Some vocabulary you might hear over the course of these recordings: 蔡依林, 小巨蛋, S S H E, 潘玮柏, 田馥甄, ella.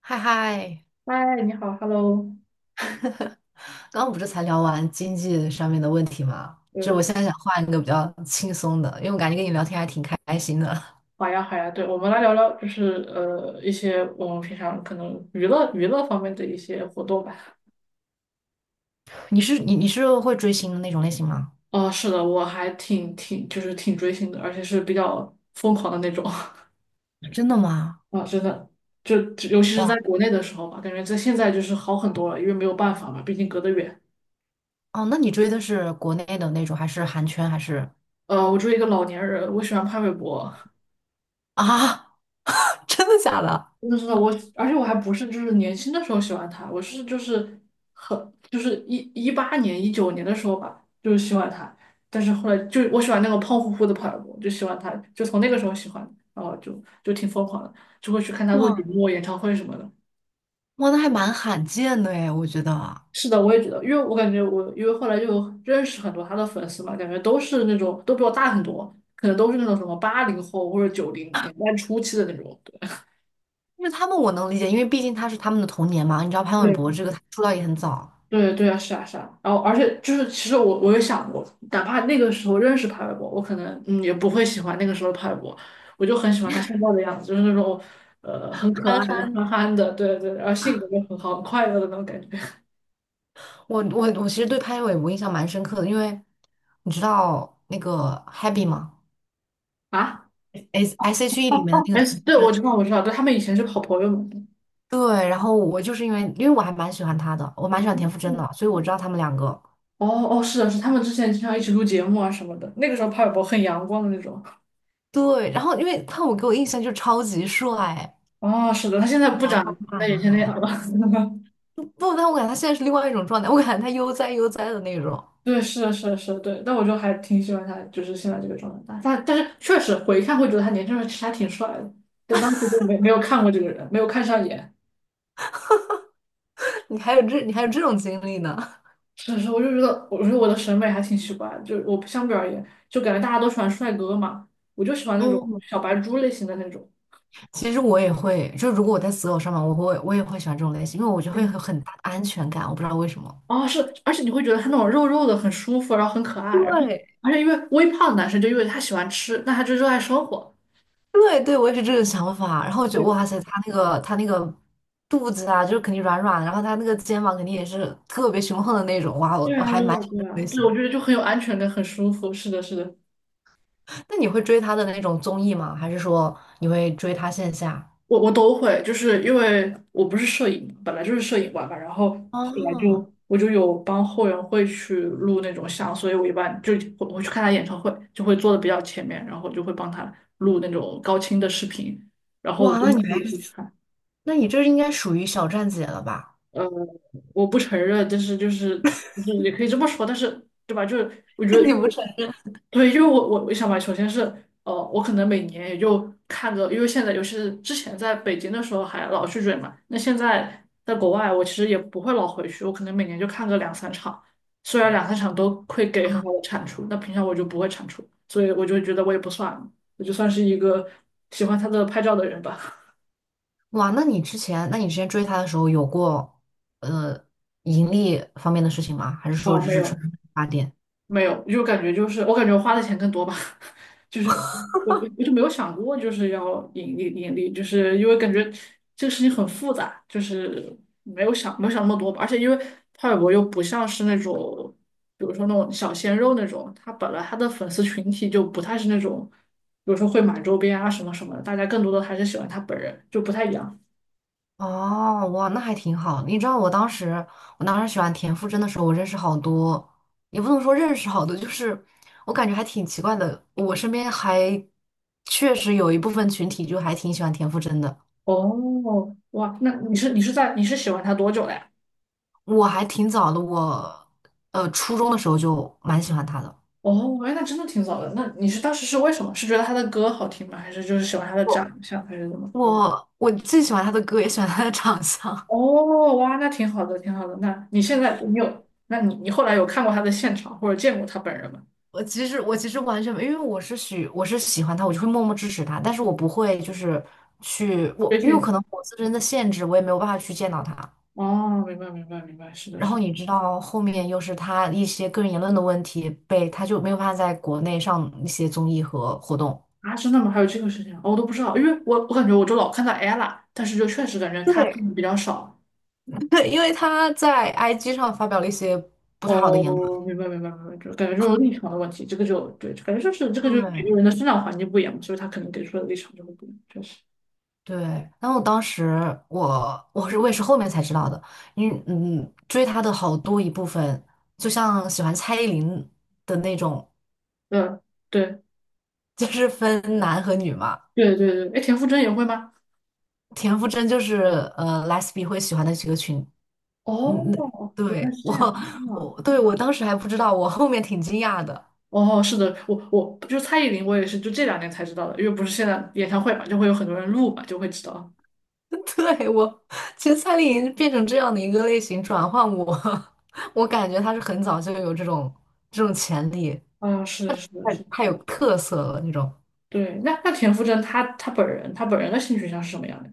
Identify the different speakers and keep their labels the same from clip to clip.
Speaker 1: 嗨嗨，
Speaker 2: 嗨，你好，Hello，
Speaker 1: 刚刚不是才聊完经济上面的问题吗？就
Speaker 2: 呃，
Speaker 1: 我现在想换一个比较轻松的，因为我感觉跟你聊天还挺开心的。
Speaker 2: 好呀，好呀，对，我们来聊聊，就是一些我们平常可能娱乐娱乐方面的一些活动吧。
Speaker 1: 你是会追星的那种类型吗？
Speaker 2: 啊、是的，我还挺就是挺追星的，而且是比较疯狂的那种。
Speaker 1: 真的吗？
Speaker 2: 啊，真的，就尤其是在
Speaker 1: 哇
Speaker 2: 国内的时候吧，感觉在现在就是好很多了，因为没有办法嘛，毕竟隔得远。
Speaker 1: 哦，那你追的是国内的那种，还是韩圈，还是
Speaker 2: 我作为一个老年人，我喜欢潘玮柏，
Speaker 1: 啊？真的假的？
Speaker 2: 真的真的我，而且我还不是就是年轻的时候喜欢他，我是就是很就是一八年19年的时候吧，就是喜欢他，但是后来就我喜欢那个胖乎乎的跑步，就喜欢他，就从那个时候喜欢，然后就挺疯狂的，就会去看他录
Speaker 1: 哇
Speaker 2: 节目、演唱会什么的。
Speaker 1: 哇，那还蛮罕见的诶，我觉得啊。
Speaker 2: 是的，我也觉得，因为我感觉我因为后来就有认识很多他的粉丝嘛，感觉都是那种都比我大很多，可能都是那种什么80后或者90年代初期的那种。
Speaker 1: 因为他们我能理解，因为毕竟他是他们的童年嘛。你知道潘玮柏
Speaker 2: 对
Speaker 1: 这个他出道也很早。
Speaker 2: 对对啊，是啊是啊，然后而且就是，其实我也想过，哪怕那个时候认识帕玮柏，我可能也不会喜欢那个时候的帕玮柏，我就很喜欢他现在的样子，就是那种很可
Speaker 1: 憨
Speaker 2: 爱的
Speaker 1: 憨
Speaker 2: 憨憨的，对对，然后性格又很好，很快乐的那种感觉
Speaker 1: 我其实对潘玮柏我印象蛮深刻的，因为你知道那个 Happy 吗
Speaker 2: 啊。
Speaker 1: ？S S H E 里面的那
Speaker 2: 哎，
Speaker 1: 个
Speaker 2: 对，我知道我知道，对，他们以前是好朋友嘛。
Speaker 1: 对，然后我就是因为我还蛮喜欢他的，我蛮喜欢田馥甄的，所以我知道他们两个。
Speaker 2: 哦哦，是的是的，他们之前经常一起录节目啊什么的，那个时候帕玮柏很阳光的那种。
Speaker 1: 对，然后因为潘我给我印象就超级帅，
Speaker 2: 哦，是的，他现在不
Speaker 1: 阳
Speaker 2: 长
Speaker 1: 光大
Speaker 2: 那以
Speaker 1: 男
Speaker 2: 前那样
Speaker 1: 孩。
Speaker 2: 了。
Speaker 1: 不，但我感觉他现在是另外一种状态，我感觉他悠哉悠哉的那种。
Speaker 2: 对，是的，是的，是的，对，但我就还挺喜欢他，就是现在这个状态。但是确实回看会觉得他年轻时候其实还挺帅的，但当时就没有看过这个人，没有看上眼。
Speaker 1: 你还有这种经历呢？
Speaker 2: 是是，我就觉得，我觉得我的审美还挺奇怪的，就我不相比而言，就感觉大家都喜欢帅哥嘛，我就喜欢 那种
Speaker 1: 嗯，
Speaker 2: 小白猪类型的那种。
Speaker 1: 其实我也会，就如果我在择偶上面，我也会喜欢这种类型，因为我就会有
Speaker 2: 嗯
Speaker 1: 很大的安全感，我不知道为什么。
Speaker 2: 哦，是，而且你会觉得他那种肉肉的很舒服，然后很可爱，然后
Speaker 1: 对，
Speaker 2: 而且因为微胖男生就因为他喜欢吃，那他就热爱生活。
Speaker 1: 对对，我也是这个想法。然后我觉得，
Speaker 2: 对，
Speaker 1: 哇塞，他那个肚子啊，就是肯定软软的，然后他那个肩膀肯定也是特别雄横的那种。哇，我
Speaker 2: 对
Speaker 1: 我
Speaker 2: 啊，
Speaker 1: 还
Speaker 2: 对
Speaker 1: 蛮
Speaker 2: 啊，
Speaker 1: 喜欢这
Speaker 2: 对
Speaker 1: 种
Speaker 2: 啊，
Speaker 1: 类
Speaker 2: 对，我
Speaker 1: 型。
Speaker 2: 觉得就很有安全感，很舒服。是的，是的。
Speaker 1: 那你会追他的那种综艺吗？还是说你会追他线下？
Speaker 2: 我都会，就是因为我不是摄影嘛本来就是摄影馆嘛，然后后来
Speaker 1: 哦，
Speaker 2: 就我就有帮后援会去录那种像，所以我一般就我去看他演唱会，就会坐的比较前面，然后就会帮他录那种高清的视频，然后
Speaker 1: 哇，
Speaker 2: 东
Speaker 1: 那你
Speaker 2: 西
Speaker 1: 还
Speaker 2: 也会看。
Speaker 1: 那你这应该属于小站姐了吧？
Speaker 2: 呃，我不承认，但是就是也可以这么说，但是对吧？就是我觉 得
Speaker 1: 你
Speaker 2: 因为，
Speaker 1: 不是？
Speaker 2: 我，对，因为我想吧，首先是我可能每年也就看个，因为现在尤其是之前在北京的时候还老去追嘛，那现在在国外，我其实也不会老回去，我可能每年就看个两三场，虽然两三场都会给很好的产出，那平常我就不会产出，所以我就觉得我也不算，我就算是一个喜欢他的拍照的人吧。
Speaker 1: 哇，那你之前追他的时候有过呃盈利方面的事情吗？还是说
Speaker 2: 啊、
Speaker 1: 只
Speaker 2: 没
Speaker 1: 是纯
Speaker 2: 有。
Speaker 1: 发电？
Speaker 2: 没有，就感觉就是我感觉我花的钱更多吧，就是我就没有想过就是要盈利盈利，就是因为感觉这个事情很复杂，就是没有想那么多吧，而且因为派尔博又不像是那种，比如说那种小鲜肉那种，他本来他的粉丝群体就不太是那种，比如说会买周边啊什么什么的，大家更多的还是喜欢他本人，就不太一样。
Speaker 1: 哦，哇，那还挺好。你知道我当时，我当时喜欢田馥甄的时候，我认识好多，也不能说认识好多，就是我感觉还挺奇怪的。我身边还确实有一部分群体就还挺喜欢田馥甄的。
Speaker 2: 哦，哇，那你是喜欢他多久了呀？
Speaker 1: 我还挺早的，我初中的时候就蛮喜欢他的。
Speaker 2: 哦，哎，那真的挺早的。那你是当时是为什么？是觉得他的歌好听吗？还是就是喜欢他的
Speaker 1: 我
Speaker 2: 长相，还是怎么？
Speaker 1: 我既喜欢他的歌，也喜欢他的长相。
Speaker 2: 哦，哇，那挺好的，挺好的。那你现在你有，那你后来有看过他的现场或者见过他本人吗？
Speaker 1: 我其实完全没，因为我是喜欢他，我就会默默支持他，但是我不会就是去我，
Speaker 2: 微
Speaker 1: 因为我可
Speaker 2: 信。
Speaker 1: 能我自身的限制，我也没有办法去见到他。
Speaker 2: 哦，明白，明白，明白，是的，
Speaker 1: 然
Speaker 2: 是
Speaker 1: 后
Speaker 2: 的。
Speaker 1: 你知道后面又是他一些个人言论的问题被，他就没有办法在国内上一些综艺和活动，
Speaker 2: 啊，真的吗？还有这个事情啊哦我都不知道，因为我感觉我就老看到 ella，但是就确实感觉他看
Speaker 1: 对，
Speaker 2: 的比较少。
Speaker 1: 对，因为他在 IG 上发表了一些不太好的言
Speaker 2: 哦，
Speaker 1: 论。
Speaker 2: 明白，明白，明白，就感觉这种立场的问题，这个就对，感觉就是这个就是每个
Speaker 1: 对，
Speaker 2: 人的生长环境不一样嘛，所以他可能给出的立场就会不一样，确实。
Speaker 1: 对，然后当时我也是后面才知道的，因为嗯追他的好多一部分，就像喜欢蔡依林的那种，
Speaker 2: 嗯，对，
Speaker 1: 就是分男和女嘛。
Speaker 2: 对对对，哎，田馥甄也会吗？
Speaker 1: 田馥甄就是Lesbi 会喜欢的几个群，嗯嗯，
Speaker 2: 哦，原来
Speaker 1: 对
Speaker 2: 是
Speaker 1: 我
Speaker 2: 这样啊！
Speaker 1: 我对我当时还不知道，我后面挺惊讶的。
Speaker 2: 哦，是的，我就蔡依林，我也是就这两年才知道的，因为不是现在演唱会嘛，就会有很多人录嘛，就会知道。
Speaker 1: 对我，其实蔡依林变成这样的一个类型转换我，我感觉她是很早就有这种潜力，
Speaker 2: 啊，是的，是的，
Speaker 1: 太
Speaker 2: 是的，
Speaker 1: 太有特色了那种。
Speaker 2: 对。那田馥甄她本人的性取向是什么样的？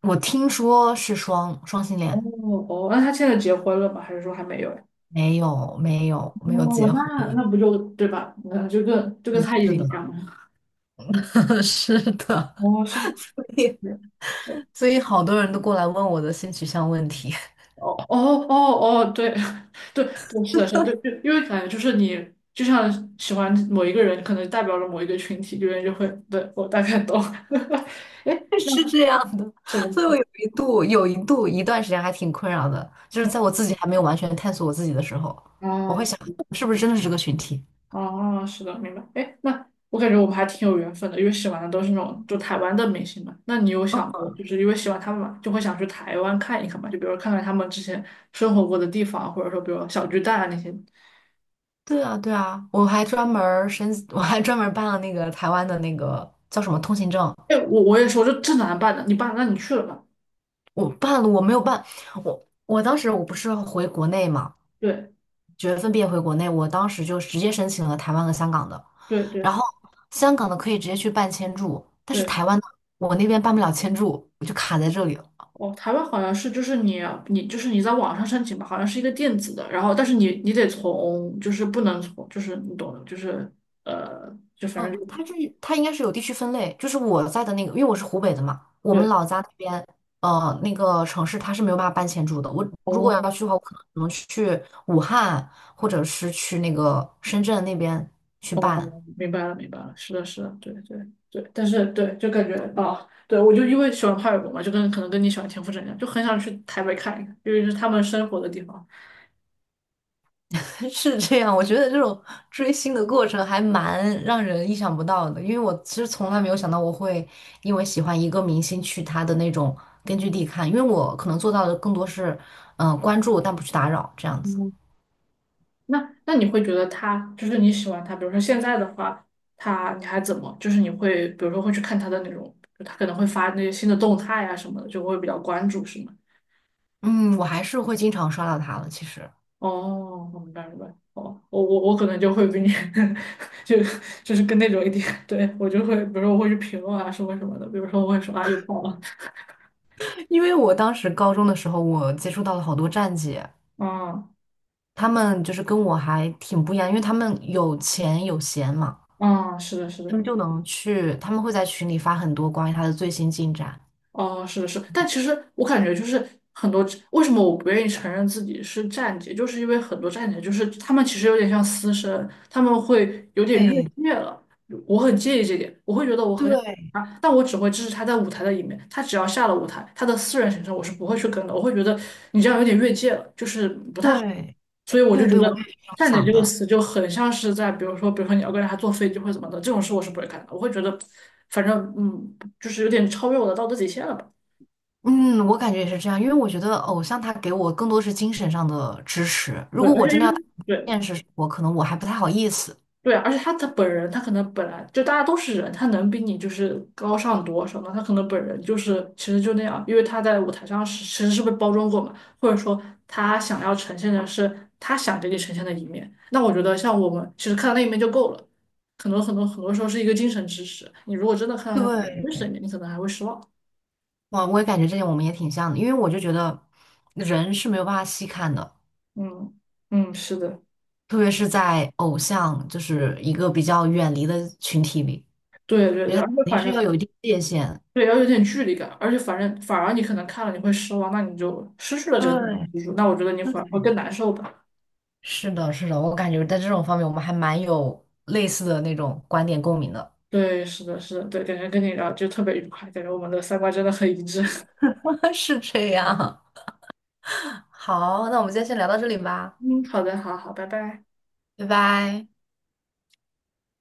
Speaker 1: 我听说是双双性
Speaker 2: 哦
Speaker 1: 恋，
Speaker 2: 哦，那她现在结婚了吗？还是说还没有呀？
Speaker 1: 没有
Speaker 2: 哦，
Speaker 1: 结
Speaker 2: 那
Speaker 1: 婚，
Speaker 2: 不就对吧？那就跟
Speaker 1: 嗯
Speaker 2: 蔡依
Speaker 1: 是
Speaker 2: 林一
Speaker 1: 的，
Speaker 2: 样嘛。
Speaker 1: 是的，
Speaker 2: 哦，是的，
Speaker 1: 所以
Speaker 2: 是的。
Speaker 1: 所以好多人都过来问我的性取向问题，
Speaker 2: 哦哦哦哦，对。 对对，是的，是的，对，就因为感觉就是你就像喜欢某一个人，可能代表了某一个群体，有人就会，对，我大概懂。哎，
Speaker 1: 是这样的，
Speaker 2: 是的，
Speaker 1: 所以我有一度一段时间还挺困扰的，就是在我自己还没有完全探索我自己的时候，我会
Speaker 2: 哦
Speaker 1: 想是不是真的是这个群体？
Speaker 2: 哦，是的，明白。哎，那我感觉我们还挺有缘分的，因为喜欢的都是那种就台湾的明星嘛。那你有
Speaker 1: 嗯，
Speaker 2: 想过，就是因为喜欢他们嘛，就会想去台湾看一看嘛？就比如看看他们之前生活过的地方，或者说比如小巨蛋啊那些。
Speaker 1: 对啊对啊，我还专门儿申，我还专门儿办了那个台湾的那个叫什么通行证，
Speaker 2: 哎，我也说，就这哪能办呢？你办，那你去了吧？
Speaker 1: 我办了，我没有办，我当时我不是回国内嘛。
Speaker 2: 对
Speaker 1: 九月份毕业回国内，我当时就直接申请了台湾和香港的，
Speaker 2: 对
Speaker 1: 然
Speaker 2: 对
Speaker 1: 后香港的可以直接去办签注，但是台
Speaker 2: 对。
Speaker 1: 湾的我那边办不了签注，我就卡在这里了。
Speaker 2: 哦，台湾好像是就是你你在网上申请吧，好像是一个电子的，然后但是你得从就是不能从就是你懂的，就是就反正
Speaker 1: 嗯，
Speaker 2: 就
Speaker 1: 它应该是有地区分类，就是我在的那个，因为我是湖北的嘛，我们老
Speaker 2: 对。
Speaker 1: 家那边，那个城市它是没有办法办签注的。我如果
Speaker 2: 哦
Speaker 1: 要去的话，我可能只能去武汉，或者是去那个深圳那边去
Speaker 2: 哦，
Speaker 1: 办。
Speaker 2: 明白了明白了，是的是的，对对对，但是对就感觉啊，对我就因为喜欢潘玮滨嘛，就跟可能跟你喜欢田馥甄一样，就很想去台北看一看，因为是他们生活的地方。
Speaker 1: 是这样，我觉得这种追星的过程还蛮让人意想不到的，因为我其实从来没有想到我会因为喜欢一个明星去他的那种根据地看，因为我可能做到的更多是，嗯、关注但不去打扰这样子。
Speaker 2: 嗯。那你会觉得他就是你喜欢他，比如说现在的话，他你还怎么？就是你会比如说会去看他的那种，就他可能会发那些新的动态啊什么的，就会比较关注，是吗？
Speaker 1: 嗯，我还是会经常刷到他的，其实，
Speaker 2: 哦，我明白明白。哦，我可能就会比你 就就是跟那种一点，对我就会，比如说我会去评论啊，什么什么的，比如说我会说啊又爆了，
Speaker 1: 因为我当时高中的时候，我接触到了好多站姐，
Speaker 2: 嗯
Speaker 1: 他们就是跟我还挺不一样，因为他们有钱有闲嘛，
Speaker 2: 嗯，是的是
Speaker 1: 他
Speaker 2: 的，
Speaker 1: 们就能去，他们会在群里发很多关于他的最新进展。
Speaker 2: 哦，是的，是的但其实我感觉就是很多，为什么我不愿意承认自己是站姐，就是因为很多站姐就是他们其实有点像私生，他们会有点越
Speaker 1: 哎，
Speaker 2: 界了，我很介意这点，我会觉得我很
Speaker 1: 对，
Speaker 2: 啊，但我只会支持他在舞台的一面。他只要下了舞台，他的私人行程我是不会去跟的。我会觉得你这样有点越界了，就是不太好。
Speaker 1: 对
Speaker 2: 所以我就
Speaker 1: 对
Speaker 2: 觉
Speaker 1: 对，我也
Speaker 2: 得
Speaker 1: 是这样
Speaker 2: “站点”
Speaker 1: 想
Speaker 2: 这个
Speaker 1: 的。
Speaker 2: 词就很像是在，比如说，比如说你要跟人家坐飞机或者怎么的，这种事我是不会干的。我会觉得，反正就是有点超越我的道德底线了吧？
Speaker 1: 嗯，我感觉也是这样，因为我觉得偶像他给我更多是精神上的支持。如
Speaker 2: 对，
Speaker 1: 果
Speaker 2: 而
Speaker 1: 我
Speaker 2: 且
Speaker 1: 真
Speaker 2: 因
Speaker 1: 的要打
Speaker 2: 为
Speaker 1: 入
Speaker 2: 对，
Speaker 1: 现实生活，可能我还不太好意思。
Speaker 2: 对啊而且他本人，他可能本来就大家都是人，他能比你就是高尚多少呢？他可能本人就是其实就那样，因为他在舞台上是其实是被包装过嘛，或者说他想要呈现的是他想给你呈现的一面。那我觉得像我们其实看到那一面就够了，很多很多很多时候是一个精神支持。你如果真的看到他本人真实
Speaker 1: 对，
Speaker 2: 的一面，你可能还会失望。
Speaker 1: 我也感觉这点我们也挺像的，因为我就觉得人是没有办法细看的，
Speaker 2: 嗯嗯，是的，
Speaker 1: 特别是在偶像就是一个比较远离的群体里，
Speaker 2: 对对
Speaker 1: 觉
Speaker 2: 对，
Speaker 1: 得
Speaker 2: 而
Speaker 1: 肯
Speaker 2: 且
Speaker 1: 定
Speaker 2: 反
Speaker 1: 是要
Speaker 2: 正。
Speaker 1: 有一定界限。
Speaker 2: 对，要有点距离感，而且反正反而你可能看了你会失望，那你就失去了这个电
Speaker 1: 对，
Speaker 2: 影技术，那我觉得你会
Speaker 1: 对，
Speaker 2: 更难受吧。
Speaker 1: 是的，是的，我感觉在这种方面我们还蛮有类似的那种观点共鸣的。
Speaker 2: 对，是的，是的，对，感觉跟你聊就特别愉快，感觉我们的三观真的很一致。
Speaker 1: 是这样。好，那我们今天先聊到这里吧，
Speaker 2: 嗯，好的，好好，拜拜。
Speaker 1: 拜拜。